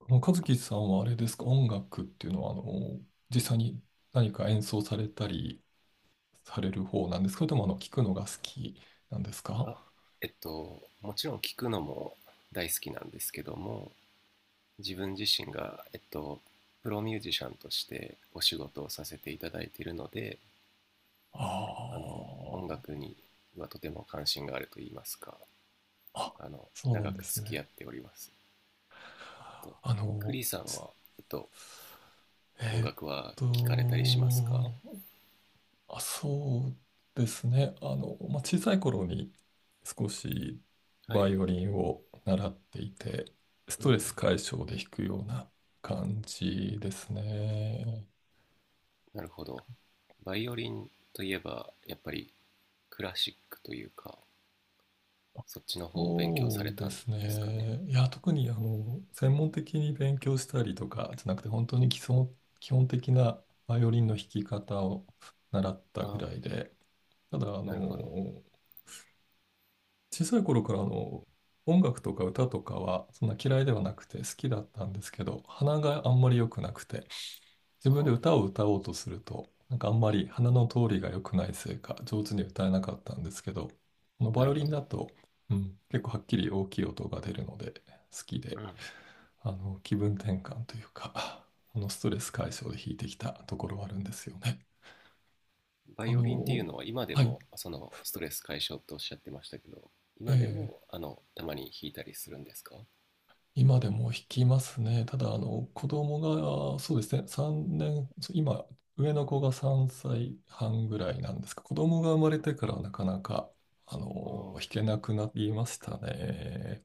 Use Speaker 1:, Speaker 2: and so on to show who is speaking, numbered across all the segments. Speaker 1: 和樹さんはあれですか、音楽っていうのは、実際に何か演奏されたりされる方なんですか、それとも聞くのが好きなんです
Speaker 2: あ、
Speaker 1: か？
Speaker 2: もちろん聞くのも大好きなんですけども、自分自身が、プロミュージシャンとしてお仕事をさせていただいているので、
Speaker 1: あ
Speaker 2: 音楽にはとても関心があると言いますか、
Speaker 1: あ、あ、そうなん
Speaker 2: 長
Speaker 1: で
Speaker 2: く
Speaker 1: す
Speaker 2: 付き合
Speaker 1: ね。
Speaker 2: っております。と、
Speaker 1: あ
Speaker 2: ク
Speaker 1: の、
Speaker 2: リさんは、えっと、音
Speaker 1: えーっ
Speaker 2: 楽は
Speaker 1: と、
Speaker 2: 聞かれたりしますか？
Speaker 1: あ、そうですね。まあ、小さい頃に少し
Speaker 2: は
Speaker 1: バ
Speaker 2: い。
Speaker 1: イオリンを習っていて、ス
Speaker 2: う
Speaker 1: トレス
Speaker 2: ん。
Speaker 1: 解消で弾くような感じですね。
Speaker 2: なるほど。バイオリンといえば、やっぱりクラシックというか、そっちの方を勉強さ
Speaker 1: そ
Speaker 2: れ
Speaker 1: うで
Speaker 2: たんで
Speaker 1: す
Speaker 2: すかね。
Speaker 1: ね。いや、特に専門的に勉強したりとかじゃなくて、本当に基礎、基本的なバイオリンの弾き方を習った
Speaker 2: あ
Speaker 1: ぐ
Speaker 2: あ、
Speaker 1: らいで、ただ、
Speaker 2: なるほど。
Speaker 1: 小さい頃から音楽とか歌とかはそんな嫌いではなくて好きだったんですけど、鼻があんまり良くなくて、自
Speaker 2: あ
Speaker 1: 分で歌
Speaker 2: あ、
Speaker 1: を歌おうとすると、なんかあんまり鼻の通りが良くないせいか、上手に歌えなかったんですけど、このバ
Speaker 2: な
Speaker 1: イ
Speaker 2: る
Speaker 1: オリ
Speaker 2: ほ
Speaker 1: ン
Speaker 2: ど。
Speaker 1: だと、うん、結構はっきり大きい音が出るので、好きで、
Speaker 2: うん。
Speaker 1: 気分転換というか、ストレス解消で弾いてきたところはあるんですよね。
Speaker 2: バ
Speaker 1: あ
Speaker 2: イオリンっていう
Speaker 1: の、
Speaker 2: のは今で
Speaker 1: はい。
Speaker 2: もそのストレス解消とおっしゃってましたけど、
Speaker 1: え
Speaker 2: 今でも
Speaker 1: ー
Speaker 2: たまに弾いたりするんですか？
Speaker 1: 今でも弾きますね。ただ、子供が、そうですね、3年、そう今、上の子が3歳半ぐらいなんですが、子供が生まれてからなかなか、
Speaker 2: あ
Speaker 1: 弾
Speaker 2: あ、
Speaker 1: けなくなりましたね。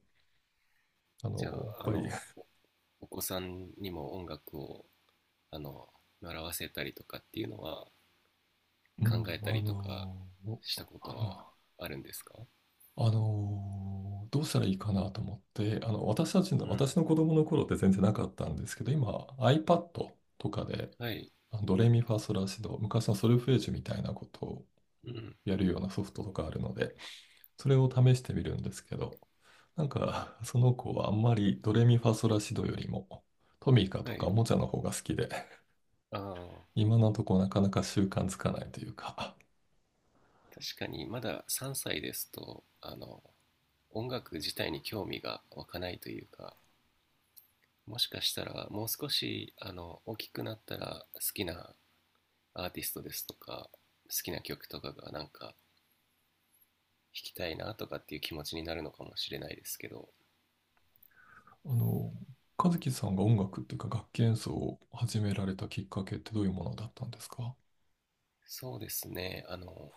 Speaker 2: じゃ
Speaker 1: やっ
Speaker 2: あ、
Speaker 1: ぱり、
Speaker 2: お子さんにも音楽をあの習わせたりとかっていうのは
Speaker 1: う
Speaker 2: 考
Speaker 1: ん、
Speaker 2: えたりとかしたこ
Speaker 1: あ
Speaker 2: とは
Speaker 1: の、
Speaker 2: あるんですか？
Speaker 1: どうしたらいいかなと思って、私たち
Speaker 2: う
Speaker 1: の、
Speaker 2: ん。
Speaker 1: 私の子供の頃って全然なかったんですけど、今、iPad とかで、
Speaker 2: はい。
Speaker 1: ドレミファソラシド、昔のソルフェージュみたいなこと
Speaker 2: うん。
Speaker 1: やるようなソフトとかあるので、それを試してみるんですけど、なんか、その子はあんまりドレミファソラシドよりも、トミカと
Speaker 2: は
Speaker 1: か
Speaker 2: い。
Speaker 1: おもちゃの方が好きで、
Speaker 2: ああ、
Speaker 1: 今のとこなかなか習慣つかないというか、
Speaker 2: 確かにまだ3歳ですと、音楽自体に興味が湧かないというか、もしかしたらもう少し大きくなったら好きなアーティストですとか好きな曲とかがなんか弾きたいなとかっていう気持ちになるのかもしれないですけど。
Speaker 1: あの、和樹さんが音楽っていうか楽器演奏を始められたきっかけってどういうものだったんですか？
Speaker 2: そうですね。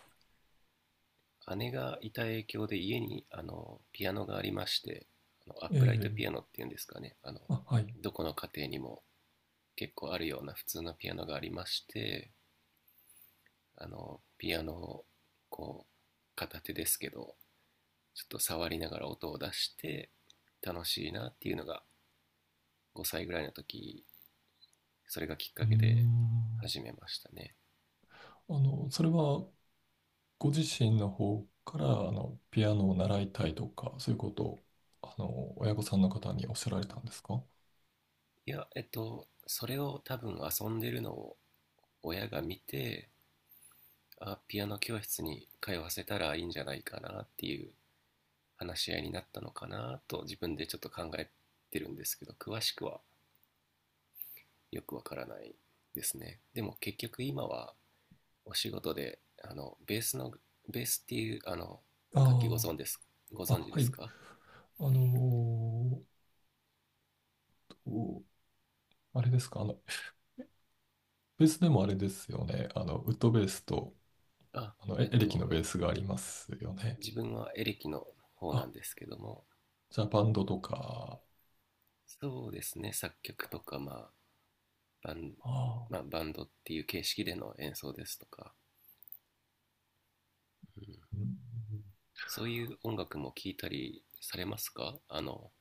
Speaker 2: 姉がいた影響で家にピアノがありまして、アッ
Speaker 1: え
Speaker 2: プライ
Speaker 1: え、
Speaker 2: トピアノっていうんですかね。
Speaker 1: あ、はい。う
Speaker 2: どこの家庭にも結構あるような普通のピアノがありまして、ピアノをこう片手ですけどちょっと触りながら音を出して楽しいなっていうのが5歳ぐらいの時、それがきっ
Speaker 1: ー
Speaker 2: かけで
Speaker 1: ん。
Speaker 2: 始めましたね。
Speaker 1: それはご自身の方からピアノを習いたいとか、そういうことを親御さんの方におっしゃられたんですか？
Speaker 2: いや、それを多分遊んでるのを親が見て、ピアノ教室に通わせたらいいんじゃないかなっていう話し合いになったのかなと自分でちょっと考えてるんですけど、詳しくはよくわからないですね。でも結局今はお仕事でベースっていう
Speaker 1: あ
Speaker 2: 楽器、ご
Speaker 1: あ、
Speaker 2: 存
Speaker 1: あ、
Speaker 2: 知で
Speaker 1: は
Speaker 2: す
Speaker 1: い。
Speaker 2: か？
Speaker 1: あのーあれですか、ベースでもあれですよね。ウッドベースと
Speaker 2: あ
Speaker 1: エ
Speaker 2: えっ
Speaker 1: エレキの
Speaker 2: と
Speaker 1: ベースがありますよね。
Speaker 2: 自分はエレキの方な
Speaker 1: あ、
Speaker 2: んですけども、
Speaker 1: じゃあバンドとか。
Speaker 2: そうですね、作曲とか、まあ、バン
Speaker 1: あ
Speaker 2: まあ、
Speaker 1: あ、
Speaker 2: バンドっていう形式での演奏ですとか、うん、
Speaker 1: うん、
Speaker 2: そういう音楽も聴いたりされますか？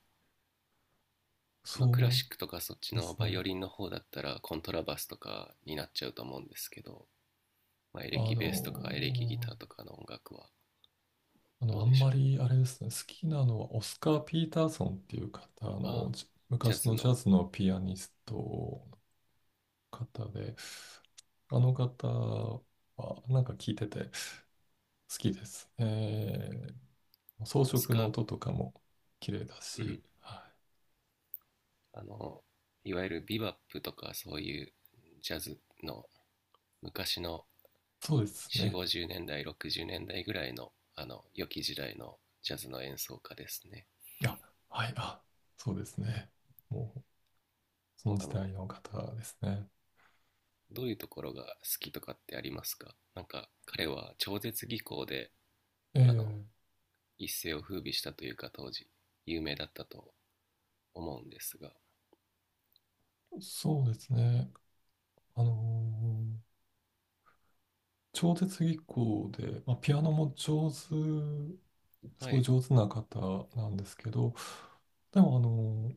Speaker 2: まあ、クラ
Speaker 1: そ
Speaker 2: シックとかそっち
Speaker 1: うで
Speaker 2: の
Speaker 1: す
Speaker 2: バイオ
Speaker 1: ね。
Speaker 2: リンの方だったらコントラバスとかになっちゃうと思うんですけど、まあ、エ
Speaker 1: あ
Speaker 2: レキ
Speaker 1: の
Speaker 2: ベースとかエレキギターと
Speaker 1: ー
Speaker 2: かの音楽はど
Speaker 1: あ
Speaker 2: うで
Speaker 1: ん
Speaker 2: しょ
Speaker 1: ま
Speaker 2: う？
Speaker 1: りあれですね、好きなのはオスカー・ピーターソンっていう方
Speaker 2: あ、
Speaker 1: じ
Speaker 2: ジャ
Speaker 1: 昔
Speaker 2: ズ
Speaker 1: のジャ
Speaker 2: の。
Speaker 1: ズのピアニストの方で、あの方はなんか聴いてて好きですね。装
Speaker 2: オス
Speaker 1: 飾
Speaker 2: カ
Speaker 1: の
Speaker 2: ー。
Speaker 1: 音とかも綺麗だ
Speaker 2: う
Speaker 1: し、
Speaker 2: ん。
Speaker 1: はい、
Speaker 2: あの、いわゆるビバップとかそういうジャズの昔の
Speaker 1: そうです
Speaker 2: 4、
Speaker 1: ね。
Speaker 2: 50年代、60年代ぐらいの、良き時代のジャズの演奏家ですね。
Speaker 1: いや、はい、あ、そうですね。もうその時
Speaker 2: あ
Speaker 1: 代
Speaker 2: の、
Speaker 1: の方ですね。
Speaker 2: どういうところが好きとかってありますか？なんか彼は超絶技巧で、
Speaker 1: え
Speaker 2: あの、
Speaker 1: え、
Speaker 2: 一世を風靡したというか、当時有名だったと思うんですが。
Speaker 1: そうですね。あのー超絶技巧で、まあ、ピアノも上手、す
Speaker 2: は
Speaker 1: ごい
Speaker 2: い。
Speaker 1: 上手な方なんですけど、でも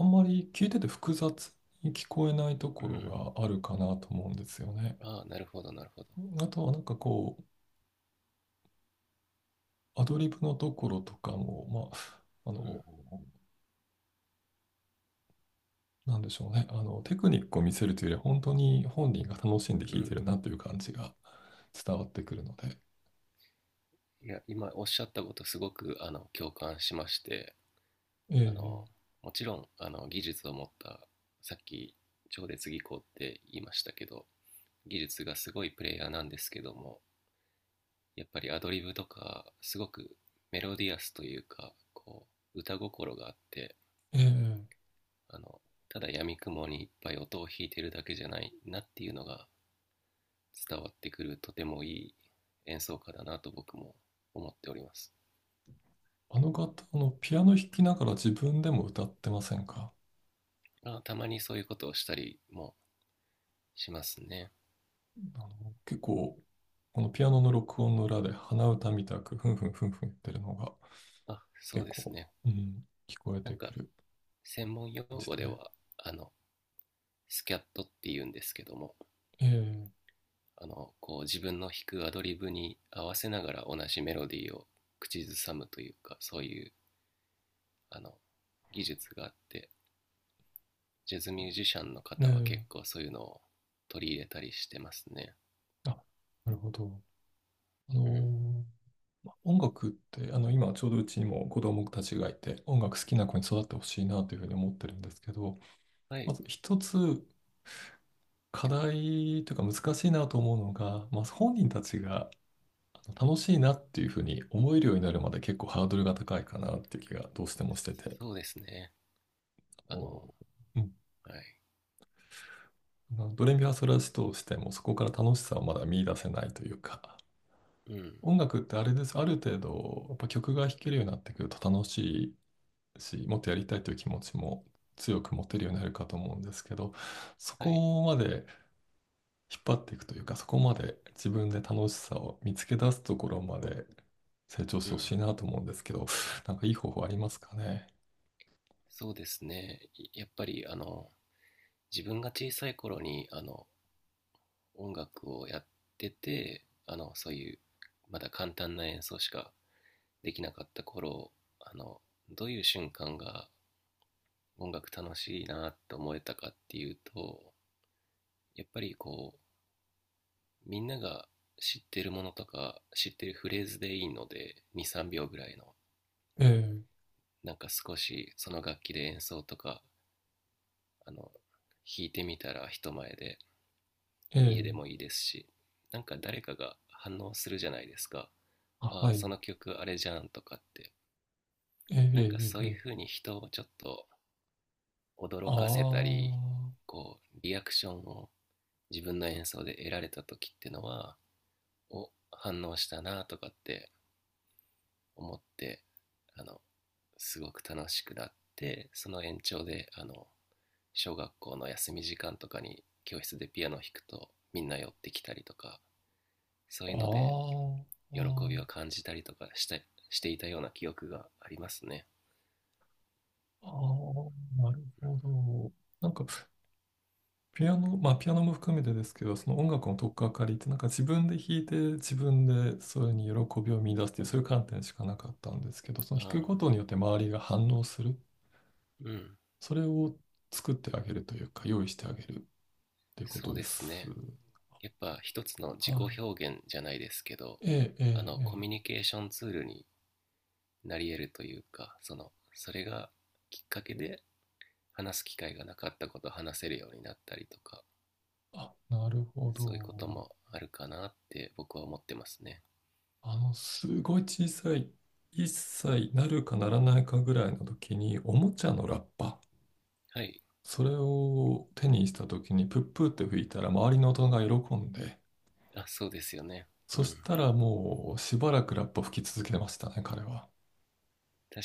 Speaker 1: あんまり聞いてて複雑に聞こえないと
Speaker 2: う
Speaker 1: こ
Speaker 2: ん。
Speaker 1: ろがあるかなと思うんですよね。
Speaker 2: ああ、なるほど、なるほど。
Speaker 1: あとはなんかこう、アドリブのところとかも、あ、あ
Speaker 2: うん。
Speaker 1: の、なんでしょうね、テクニックを見せるというよりは、本当に本人が楽しんで
Speaker 2: う
Speaker 1: 弾いてる
Speaker 2: ん。
Speaker 1: なという感じが伝わってくるので、
Speaker 2: いや、今おっしゃったことすごく共感しまして、あ
Speaker 1: え
Speaker 2: の
Speaker 1: え
Speaker 2: もちろん技術を持った、さっき超絶技巧って言いましたけど、技術がすごいプレイヤーなんですけども、やっぱりアドリブとか、すごくメロディアスというか、こう歌心があって、
Speaker 1: ええ
Speaker 2: あのただ闇雲にいっぱい音を弾いてるだけじゃないなっていうのが伝わってくる、とてもいい演奏家だなと僕も思っております。
Speaker 1: あの方、ピアノ弾きながら自分でも歌ってませんか？
Speaker 2: まあ、たまにそういうことをしたりもしますね。
Speaker 1: 結構、このピアノの録音の裏で鼻歌みたく、ふんふんふんふん言ってるのが、
Speaker 2: あ、そ
Speaker 1: 結
Speaker 2: うです
Speaker 1: 構、
Speaker 2: ね。
Speaker 1: うん、聞こえ
Speaker 2: なん
Speaker 1: てく
Speaker 2: か、
Speaker 1: る
Speaker 2: 専門用
Speaker 1: 感じ
Speaker 2: 語で
Speaker 1: で。
Speaker 2: は、あの、スキャットって言うんですけども、
Speaker 1: ええ
Speaker 2: こう自分の弾くアドリブに合わせながら同じメロディーを口ずさむというか、そういう、あの、技術があって、ジャズミュージシャンの方は
Speaker 1: え
Speaker 2: 結
Speaker 1: え
Speaker 2: 構そういうのを取り入れたりしてますね。
Speaker 1: あ、なるほど。あの
Speaker 2: うん。
Speaker 1: ーま音楽って、今ちょうどうちにも子供たちがいて、音楽好きな子に育ってほしいなというふうに思ってるんですけど、
Speaker 2: は
Speaker 1: ま
Speaker 2: い。
Speaker 1: ず一つ課題というか難しいなと思うのが、まあ、本人たちが楽しいなっていうふうに思えるようになるまで結構ハードルが高いかなっていう気がどうしてもしてて、
Speaker 2: そうですね。
Speaker 1: あ
Speaker 2: あ
Speaker 1: の、
Speaker 2: の、
Speaker 1: うん、
Speaker 2: はい。
Speaker 1: まあドレミファソラシとしてもそこから楽しさをまだ見出せないというか、
Speaker 2: うん。
Speaker 1: 音楽ってあれです。ある程度、やっぱ曲が弾けるようになってくると楽しいし、もっとやりたいという気持ちも強く持てるようになるかと思うんですけど、そ
Speaker 2: はい。
Speaker 1: こまで引っ張っていくというか、そこまで自分で楽しさを見つけ出すところまで成長し
Speaker 2: う
Speaker 1: てほし
Speaker 2: ん。
Speaker 1: いなと思うんですけど、なんかいい方法ありますかね。
Speaker 2: そうですね。やっぱり、自分が小さい頃に、音楽をやっててそういうまだ簡単な演奏しかできなかった頃、あのどういう瞬間が音楽楽しいなって思えたかっていうと、やっぱりこうみんなが知ってるものとか知ってるフレーズでいいので、2、3秒ぐらいの
Speaker 1: え
Speaker 2: なんか少しその楽器で演奏とかあの弾いてみたら、人前で、
Speaker 1: え、え
Speaker 2: 家で
Speaker 1: え、
Speaker 2: もいいですし、なんか誰かが反応するじゃないですか。
Speaker 1: あ、
Speaker 2: あ、
Speaker 1: はい。
Speaker 2: その曲あれじゃんとかって、
Speaker 1: ええ、え
Speaker 2: なんかそう
Speaker 1: え、え
Speaker 2: いう
Speaker 1: え。
Speaker 2: ふうに人をちょっと驚かせた
Speaker 1: あ
Speaker 2: り、こう、リアクションを自分の演奏で得られた時ってのは、お、反応したなとかって思って、あの、すごく楽しくなって、その延長で、小学校の休み時間とかに教室でピアノを弾くとみんな寄ってきたりとか、そう
Speaker 1: あ、
Speaker 2: いうので
Speaker 1: あ
Speaker 2: 喜びを
Speaker 1: あ、
Speaker 2: 感じたりとかしていたような記憶がありますね。
Speaker 1: ああ、なる
Speaker 2: うん。
Speaker 1: ほど。なんか、ピアノ、まあ、ピアノも含めてですけど、その音楽の取っかかりって、なんか自分で弾いて、自分でそれに喜びを見出すっていう、そういう観点しかなかったんですけど、その
Speaker 2: あ
Speaker 1: 弾くこ
Speaker 2: あ。
Speaker 1: とによって周りが反応する。
Speaker 2: うん。
Speaker 1: それを作ってあげるというか、用意してあげるっていうこ
Speaker 2: そ
Speaker 1: と
Speaker 2: う
Speaker 1: で
Speaker 2: です
Speaker 1: す。
Speaker 2: ね。やっぱ一つの自己
Speaker 1: は
Speaker 2: 表現じゃないですけど、
Speaker 1: い。ええ、ええ、
Speaker 2: コ
Speaker 1: え
Speaker 2: ミュ
Speaker 1: え。
Speaker 2: ニケーションツールになり得るというか、それがきっかけで話す機会がなかったことを話せるようになったりとか、
Speaker 1: あ、なるほ
Speaker 2: そういうこと
Speaker 1: ど。
Speaker 2: もあるかなって僕は思ってますね。
Speaker 1: すごい小さい、一歳なるかならないかぐらいの時に、おもちゃのラッパ、
Speaker 2: はい。
Speaker 1: それを手にした時に、プップーって吹いたら、周りの大人が喜んで、
Speaker 2: あ、そうですよね。
Speaker 1: そ
Speaker 2: うん。
Speaker 1: したらもう、しばらくラッパ吹き続けてましたね、彼は。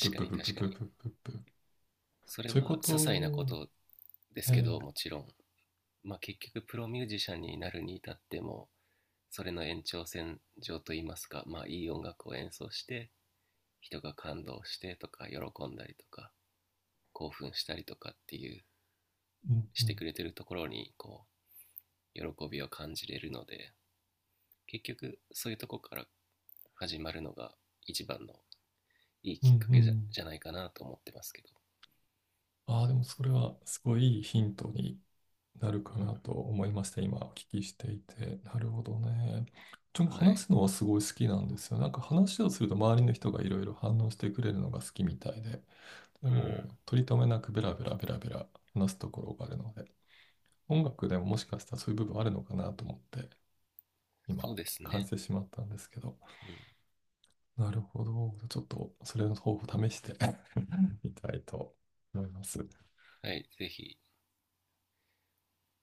Speaker 1: プッ
Speaker 2: か
Speaker 1: プ
Speaker 2: に、
Speaker 1: ププ
Speaker 2: 確か
Speaker 1: プ
Speaker 2: に。
Speaker 1: ププププ。
Speaker 2: それ
Speaker 1: そういうこ
Speaker 2: は些
Speaker 1: と
Speaker 2: 細なこ
Speaker 1: を、
Speaker 2: とですけ
Speaker 1: ええ
Speaker 2: ど、もちろんまあ結局プロミュージシャンになるに至ってもそれの延長線上といいますか、まあ、いい音楽を演奏して人が感動してとか喜んだりとか興奮したりとかっていう
Speaker 1: うんう
Speaker 2: して
Speaker 1: ん、
Speaker 2: くれてるところにこう喜びを感じれるので、結局そういうとこから始まるのが一番のいい
Speaker 1: うん
Speaker 2: きっか
Speaker 1: う
Speaker 2: けじゃ
Speaker 1: ん。
Speaker 2: じゃないかなと思ってますけど、
Speaker 1: ああ、でもそれは、すごいいいヒントになる
Speaker 2: う
Speaker 1: か
Speaker 2: ん。
Speaker 1: なと思いました。今お聞きしていて。なるほどね。ちょ、
Speaker 2: は
Speaker 1: 話
Speaker 2: い。
Speaker 1: すのはすごい好きなんですよ。なんか話をすると周りの人がいろいろ反応してくれるのが好きみたいで、で
Speaker 2: うん。
Speaker 1: も取り留めなくベラベラベラベラ話すところがあるので、音楽でももしかしたらそういう部分あるのかなと思って今
Speaker 2: そうです
Speaker 1: 感じ
Speaker 2: ね。
Speaker 1: てしまったんですけど、
Speaker 2: うん。
Speaker 1: なるほど。ちょっとそれの方法を試して みたいと思います。
Speaker 2: はい、ぜひ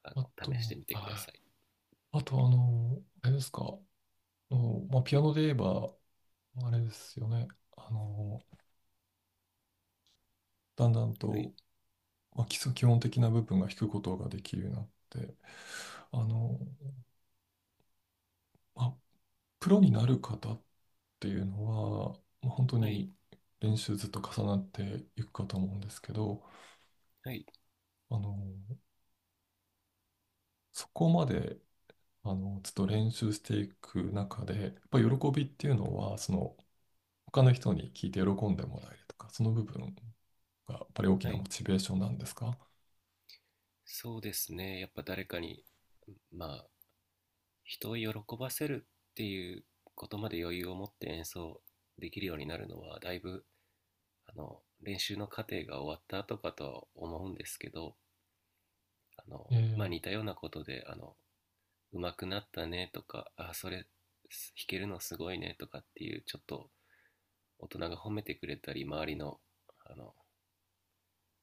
Speaker 2: あ
Speaker 1: あ
Speaker 2: の試して
Speaker 1: と、
Speaker 2: みてくだ
Speaker 1: あ
Speaker 2: さい。
Speaker 1: あとあの、あれですか、あのまあ、ピアノで言えば、あれですよね。あの、だんだん
Speaker 2: はい。
Speaker 1: と、まあ、基礎基本的な部分が弾くことができるようになって、あの、まあ、プロになる方っていうのは、まあ、本当
Speaker 2: はい。
Speaker 1: に練習ずっと重なっていくかと思うんですけど、
Speaker 2: はい。
Speaker 1: あの、そこまで、ずっと練習していく中で、やっぱり喜びっていうのは、その、他の人に聞いて喜んでもらえるとか、その部分がやっぱり大き
Speaker 2: は
Speaker 1: な
Speaker 2: い。
Speaker 1: モチベーションなんですか？
Speaker 2: そうですね。やっぱ誰かに、まあ、人を喜ばせるっていうことまで余裕を持って演奏できるようになるのはだいぶ練習の過程が終わった後かとは思うんですけど、あ
Speaker 1: え
Speaker 2: の、まあ、
Speaker 1: え、
Speaker 2: 似たようなことで、上手くなったねとか、あ、それ弾けるのすごいねとかっていう、ちょっと大人が褒めてくれたり、周りのあの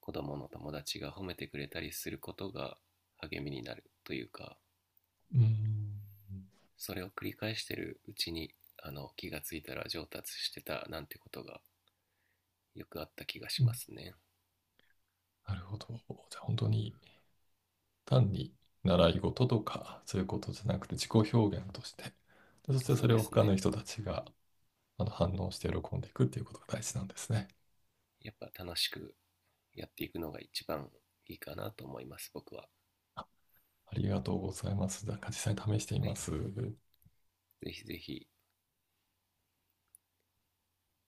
Speaker 2: 子供の友達が褒めてくれたりすることが励みになるというか、
Speaker 1: うん。
Speaker 2: それを繰り返してるうちに気がついたら上達してたなんてことがよくあった気がしますね。
Speaker 1: なるほど。じゃあ本当
Speaker 2: うん。
Speaker 1: に単に習い事とかそういうことじゃなくて自己表現として、でそしてそ
Speaker 2: そう
Speaker 1: れ
Speaker 2: で
Speaker 1: を
Speaker 2: す
Speaker 1: 他の
Speaker 2: ね、
Speaker 1: 人たちが反応して喜んでいくっていうことが大事なんですね。
Speaker 2: やっぱ楽しくやっていくのが一番いいかなと思います、僕は。
Speaker 1: ありがとうございます。なんか実際に試してみ
Speaker 2: は
Speaker 1: ま
Speaker 2: い、
Speaker 1: す。
Speaker 2: ぜひぜひ